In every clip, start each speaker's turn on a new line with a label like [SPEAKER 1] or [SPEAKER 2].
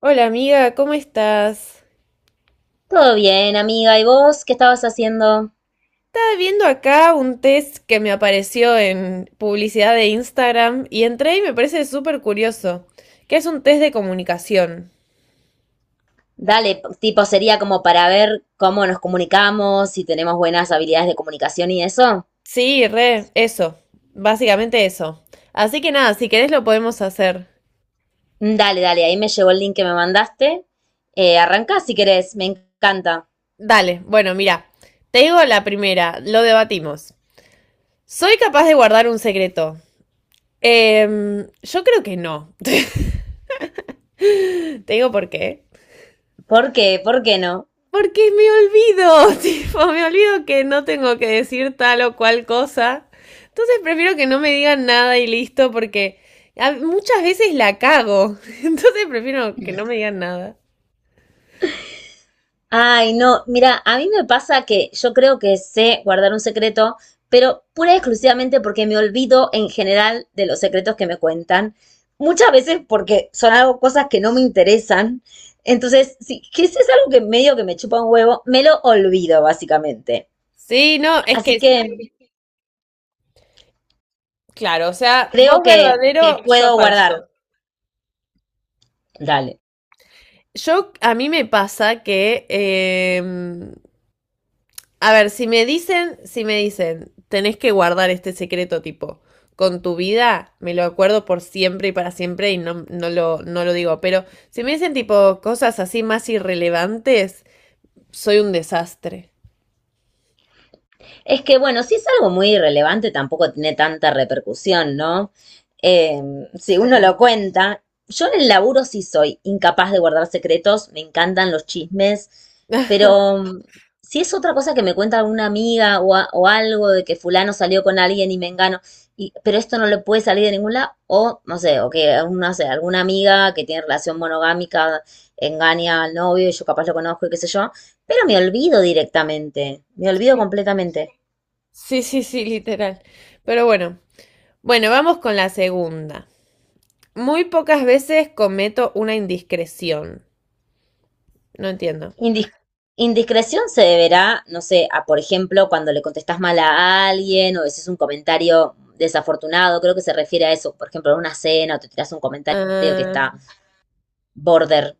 [SPEAKER 1] Hola amiga, ¿cómo estás?
[SPEAKER 2] Todo bien, amiga. ¿Y vos qué estabas haciendo?
[SPEAKER 1] Estaba viendo acá un test que me apareció en publicidad de Instagram y entré y me parece súper curioso, que es un test de comunicación.
[SPEAKER 2] Dale, tipo, sería como para ver cómo nos comunicamos, si tenemos buenas habilidades de comunicación y eso.
[SPEAKER 1] Sí, re, eso, básicamente eso. Así que nada, si querés lo podemos hacer.
[SPEAKER 2] Dale, dale, ahí me llegó el link que me mandaste. Arrancá si querés, me encanta.
[SPEAKER 1] Dale, bueno, mira, te digo la primera, lo debatimos. ¿Soy capaz de guardar un secreto? Yo creo que no. Te digo por qué.
[SPEAKER 2] ¿Por qué? ¿Por qué no?
[SPEAKER 1] Porque me olvido, tipo, me olvido que no tengo que decir tal o cual cosa. Entonces prefiero que no me digan nada y listo, porque muchas veces la cago. Entonces prefiero que no me digan nada.
[SPEAKER 2] Ay, no, mira, a mí me pasa que yo creo que sé guardar un secreto, pero pura y exclusivamente porque me olvido en general de los secretos que me cuentan. Muchas veces porque son algo, cosas que no me interesan. Entonces, si, que si es algo que medio que me chupa un huevo, me lo olvido, básicamente.
[SPEAKER 1] Sí, no, es
[SPEAKER 2] Así
[SPEAKER 1] que,
[SPEAKER 2] que
[SPEAKER 1] claro, o sea, vos
[SPEAKER 2] creo que
[SPEAKER 1] verdadero, yo
[SPEAKER 2] puedo guardar.
[SPEAKER 1] falso.
[SPEAKER 2] Dale.
[SPEAKER 1] A mí me pasa que, a ver, si me dicen, tenés que guardar este secreto tipo con tu vida, me lo acuerdo por siempre y para siempre y no lo digo, pero si me dicen tipo cosas así más irrelevantes, soy un desastre.
[SPEAKER 2] Es que, bueno, si es algo muy irrelevante, tampoco tiene tanta repercusión, ¿no? Eh, si
[SPEAKER 1] Sí.
[SPEAKER 2] uno lo cuenta, yo en el laburo sí soy incapaz de guardar secretos, me encantan los chismes, pero si es otra cosa que me cuenta alguna amiga o, o algo de que fulano salió con alguien y me engano, y, pero esto no le puede salir de ningún lado, o no sé, o que no sé, alguna amiga que tiene relación monogámica engaña al novio y yo capaz lo conozco y qué sé yo, pero me olvido directamente, me olvido completamente.
[SPEAKER 1] Sí, sí, sí, literal. Pero bueno, bueno, vamos con la segunda. Muy pocas veces cometo una indiscreción. No entiendo.
[SPEAKER 2] Indis- Indiscreción se deberá, no sé, a por ejemplo, cuando le contestas mal a alguien o es un comentario desafortunado, creo que se refiere a eso, por ejemplo, en una cena o te tiras un comentario que
[SPEAKER 1] Ah,
[SPEAKER 2] está border.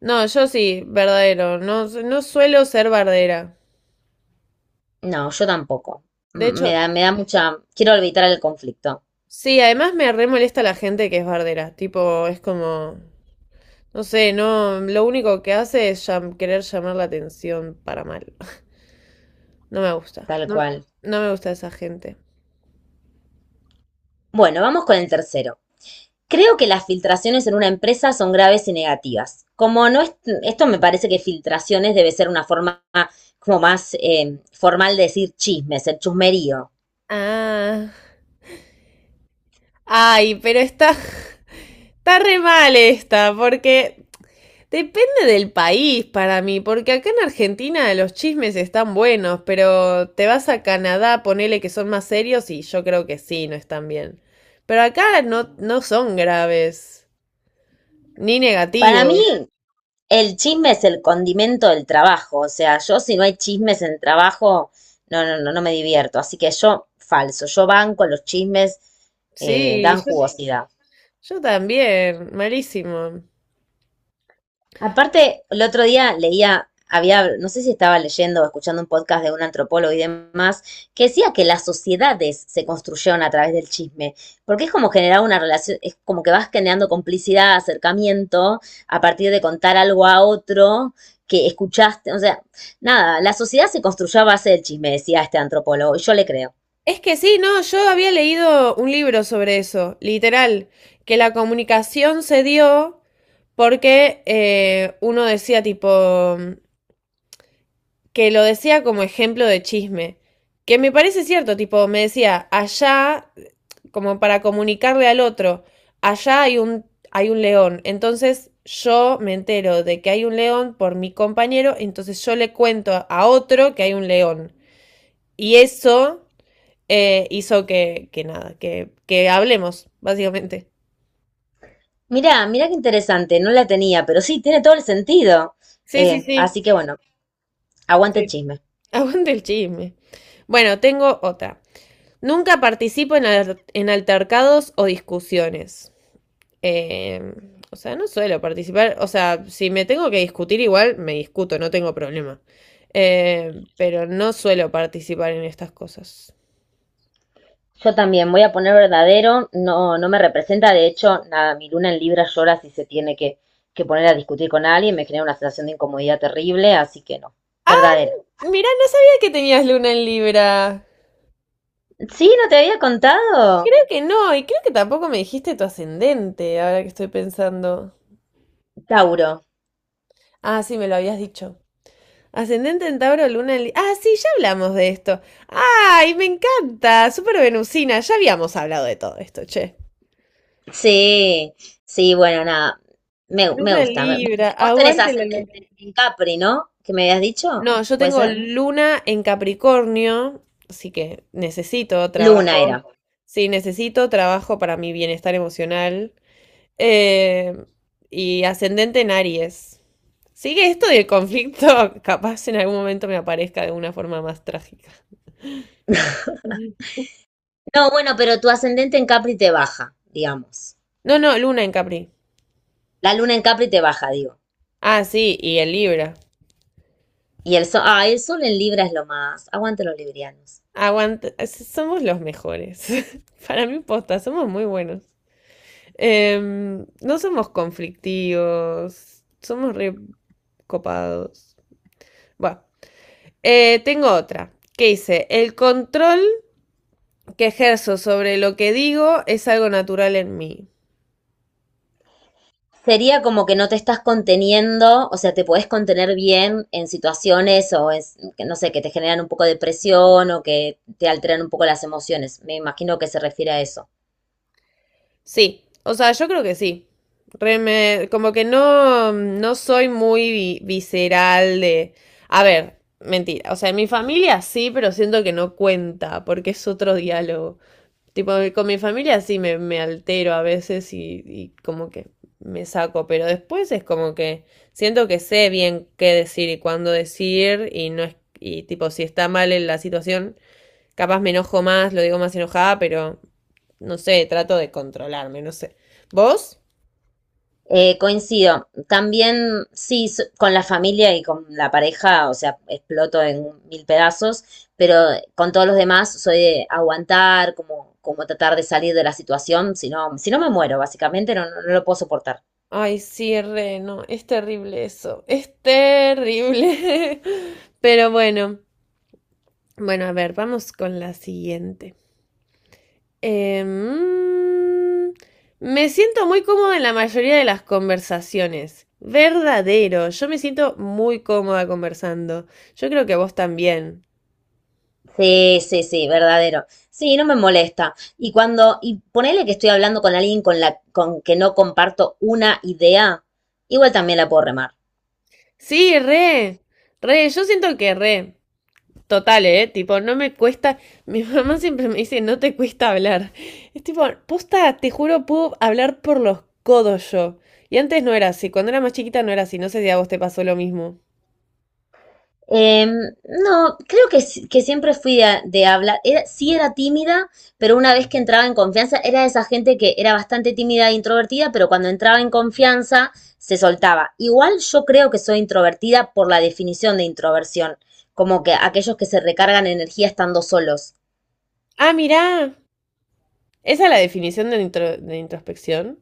[SPEAKER 1] no, yo sí, verdadero. No, no suelo ser bardera.
[SPEAKER 2] No, yo tampoco.
[SPEAKER 1] De hecho,
[SPEAKER 2] Me da mucha, quiero evitar el conflicto,
[SPEAKER 1] sí, además me re molesta la gente que es bardera. Tipo, es como, no sé, no, lo único que hace es querer llamar la atención para mal. No me gusta.
[SPEAKER 2] tal
[SPEAKER 1] No,
[SPEAKER 2] cual.
[SPEAKER 1] no me gusta esa gente.
[SPEAKER 2] Bueno, vamos con el tercero. Creo que las filtraciones en una empresa son graves y negativas. Como no es, esto me parece que filtraciones debe ser una forma como más formal de decir chismes, el chusmerío.
[SPEAKER 1] Ah. Ay, pero está re mal esta, porque depende del país para mí, porque acá en Argentina los chismes están buenos, pero te vas a Canadá, ponele que son más serios y yo creo que sí, no están bien. Pero acá no, no son graves, ni
[SPEAKER 2] Para mí,
[SPEAKER 1] negativos.
[SPEAKER 2] el chisme es el condimento del trabajo. O sea, yo si no hay chismes en trabajo, no me divierto. Así que yo, falso, yo banco los chismes,
[SPEAKER 1] Sí,
[SPEAKER 2] dan
[SPEAKER 1] yo,
[SPEAKER 2] jugosidad.
[SPEAKER 1] yo también, malísimo.
[SPEAKER 2] Aparte, el otro día leía, había, no sé si estaba leyendo o escuchando un podcast de un antropólogo y demás, que decía que las sociedades se construyeron a través del chisme, porque es como generar una relación, es como que vas generando complicidad, acercamiento, a partir de contar algo a otro que escuchaste, o sea, nada, la sociedad se construyó a base del chisme, decía este antropólogo, y yo le creo.
[SPEAKER 1] Es que sí, no, yo había leído un libro sobre eso, literal, que la comunicación se dio porque uno decía tipo, que lo decía como ejemplo de chisme, que me parece cierto, tipo, me decía, allá, como para comunicarle al otro, allá hay un león, entonces yo me entero de que hay un león por mi compañero, entonces yo le cuento a otro que hay un león. Y eso hizo que, que nada, que hablemos, básicamente.
[SPEAKER 2] Mirá, mirá qué interesante, no la tenía, pero sí, tiene todo el sentido.
[SPEAKER 1] Sí, sí, sí,
[SPEAKER 2] Así que bueno, aguante el
[SPEAKER 1] sí.
[SPEAKER 2] chisme.
[SPEAKER 1] Aguante el chisme. Bueno, tengo otra. Nunca participo en altercados o discusiones. Eh, o sea, no suelo participar. O sea, si me tengo que discutir igual, me discuto, no tengo problema. Pero no suelo participar en estas cosas.
[SPEAKER 2] Yo también voy a poner verdadero, no, no me representa, de hecho, nada, mi luna en Libra llora si se tiene que poner a discutir con alguien, me genera una sensación de incomodidad terrible, así que no, verdadero.
[SPEAKER 1] Mirá, no sabía que tenías luna en Libra.
[SPEAKER 2] Sí, no te había contado.
[SPEAKER 1] Creo que no, y creo que tampoco me dijiste tu ascendente, ahora que estoy pensando.
[SPEAKER 2] Tauro.
[SPEAKER 1] Ah, sí, me lo habías dicho. Ascendente en Tauro, Luna en. Ah, sí, ya hablamos de esto. ¡Ay, me encanta! Súper venusina. Ya habíamos hablado de todo esto, che.
[SPEAKER 2] Sí, sí, bueno, nada, me
[SPEAKER 1] Luna en
[SPEAKER 2] gusta. Vos,
[SPEAKER 1] Libra,
[SPEAKER 2] vos tenés
[SPEAKER 1] aguante la luna.
[SPEAKER 2] ascendente en Capri, ¿no? ¿Que me habías dicho?
[SPEAKER 1] No, yo
[SPEAKER 2] ¿Puede
[SPEAKER 1] tengo
[SPEAKER 2] ser?
[SPEAKER 1] luna en Capricornio, así que necesito
[SPEAKER 2] Luna era.
[SPEAKER 1] trabajo. Sí, necesito trabajo para mi bienestar emocional. Eh, y ascendente en Aries. Sigue esto del conflicto, capaz en algún momento me aparezca de una forma más trágica.
[SPEAKER 2] No, bueno, pero tu ascendente en Capri te baja, digamos.
[SPEAKER 1] No, no, Luna en Capri.
[SPEAKER 2] La luna en Capri te baja, digo.
[SPEAKER 1] Ah, sí, y el Libra.
[SPEAKER 2] Y el sol, ah, el sol en Libra es lo más. Aguante los librianos.
[SPEAKER 1] Somos los mejores. Para mí, posta, somos muy buenos. No somos conflictivos, somos re copados. Bueno, tengo otra que dice, el control que ejerzo sobre lo que digo es algo natural en mí.
[SPEAKER 2] Sería como que no te estás conteniendo, o sea, te podés contener bien en situaciones o es, que no sé, que te generan un poco de presión o que te alteran un poco las emociones. Me imagino que se refiere a eso.
[SPEAKER 1] Sí, o sea, yo creo que sí. Como que no, no soy muy visceral de. A ver, mentira. O sea, en mi familia sí, pero siento que no cuenta, porque es otro diálogo. Tipo, con mi familia sí me altero a veces y como que me saco, pero después es como que siento que sé bien qué decir y cuándo decir y no es. Y tipo, si está mal en la situación, capaz me enojo más, lo digo más enojada, pero. No sé, trato de controlarme, no sé. ¿Vos?
[SPEAKER 2] Coincido. También, sí, con la familia y con la pareja, o sea, exploto en mil pedazos, pero con todos los demás soy de aguantar, como, como tratar de salir de la situación, si no, si no me muero, básicamente no, no lo puedo soportar.
[SPEAKER 1] Ay, sí, re, no, es terrible eso, es terrible. Pero bueno, bueno, a ver, vamos con la siguiente. Em, Me siento muy cómoda en la mayoría de las conversaciones. Verdadero, yo me siento muy cómoda conversando. Yo creo que vos también.
[SPEAKER 2] Sí, sí, sí, verdadero. Sí, no me molesta. Y cuando, y ponele que estoy hablando con alguien con la, con que no comparto una idea, igual también la puedo remar.
[SPEAKER 1] Sí, re, re, yo siento que re. Total, ¿eh? Tipo, no me cuesta. Mi mamá siempre me dice, no te cuesta hablar. Es tipo, posta, te juro, puedo hablar por los codos yo. Y antes no era así. Cuando era más chiquita no era así. No sé si a vos te pasó lo mismo.
[SPEAKER 2] Em, no, creo que, que siempre fui de hablar. Era, sí era tímida, pero una vez que entraba en confianza, era de esa gente que era bastante tímida e introvertida, pero cuando entraba en confianza se soltaba. Igual yo creo que soy introvertida por la definición de introversión, como que aquellos que se recargan energía estando solos.
[SPEAKER 1] Ah, mirá. Esa es la definición de introspección.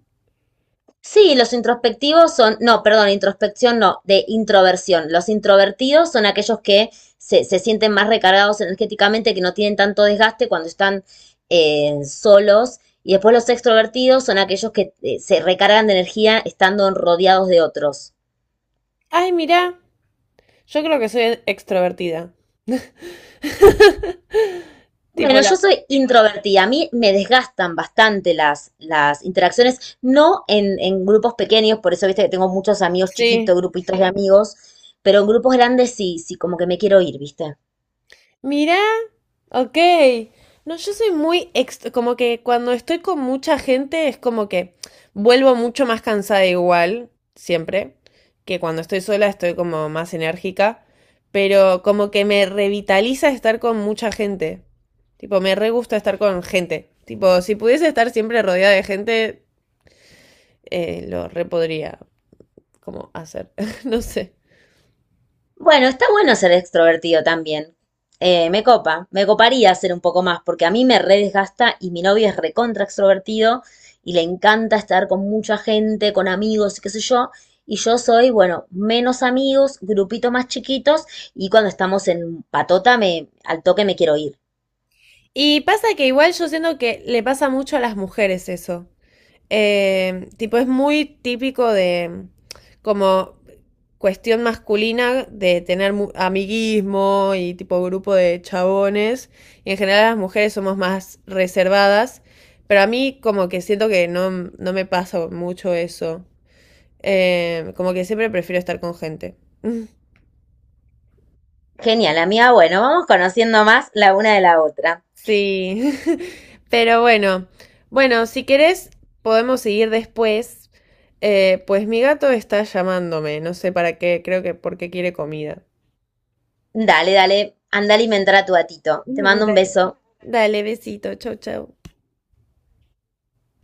[SPEAKER 2] Sí, los introspectivos son, no, perdón, introspección no, de introversión. Los introvertidos son aquellos que se sienten más recargados energéticamente, que no tienen tanto desgaste cuando están solos. Y después los extrovertidos son aquellos que se recargan de energía estando rodeados de otros.
[SPEAKER 1] Ay, mirá. Yo creo que soy extrovertida.
[SPEAKER 2] Bueno,
[SPEAKER 1] Tipo la.
[SPEAKER 2] yo soy introvertida, a mí me desgastan bastante las interacciones, no en, en grupos pequeños, por eso viste que tengo muchos amigos chiquitos,
[SPEAKER 1] Sí.
[SPEAKER 2] grupitos de amigos, pero en grupos grandes sí, sí, como que me quiero ir, ¿viste?
[SPEAKER 1] Mira, ok. No, yo soy muy como que cuando estoy con mucha gente es como que vuelvo mucho más cansada igual, siempre, que cuando estoy sola estoy como más enérgica, pero como que me revitaliza estar con mucha gente. Tipo, me re gusta estar con gente. Tipo, si pudiese estar siempre rodeada de gente, lo re podría como hacer. No sé.
[SPEAKER 2] Bueno, está bueno ser extrovertido también. Me copa, me coparía ser un poco más, porque a mí me re desgasta y mi novio es recontra extrovertido y le encanta estar con mucha gente, con amigos y qué sé yo. Y yo soy, bueno, menos amigos, grupitos más chiquitos y cuando estamos en patota me, al toque me quiero ir.
[SPEAKER 1] Y pasa que igual yo siento que le pasa mucho a las mujeres eso. Tipo, es muy típico de como cuestión masculina de tener amiguismo y tipo grupo de chabones. Y en general las mujeres somos más reservadas, pero a mí como que siento que no me pasa mucho eso. Como que siempre prefiero estar con gente.
[SPEAKER 2] Genial, amiga. Bueno, vamos conociendo más la una de la otra.
[SPEAKER 1] Sí, pero bueno, bueno, si querés podemos seguir después. Pues mi gato está llamándome, no sé para qué, creo que porque quiere comida.
[SPEAKER 2] Dale, dale, anda a alimentar a tu gatito. Te mando un
[SPEAKER 1] Dale.
[SPEAKER 2] beso.
[SPEAKER 1] Dale, besito, chau, chau.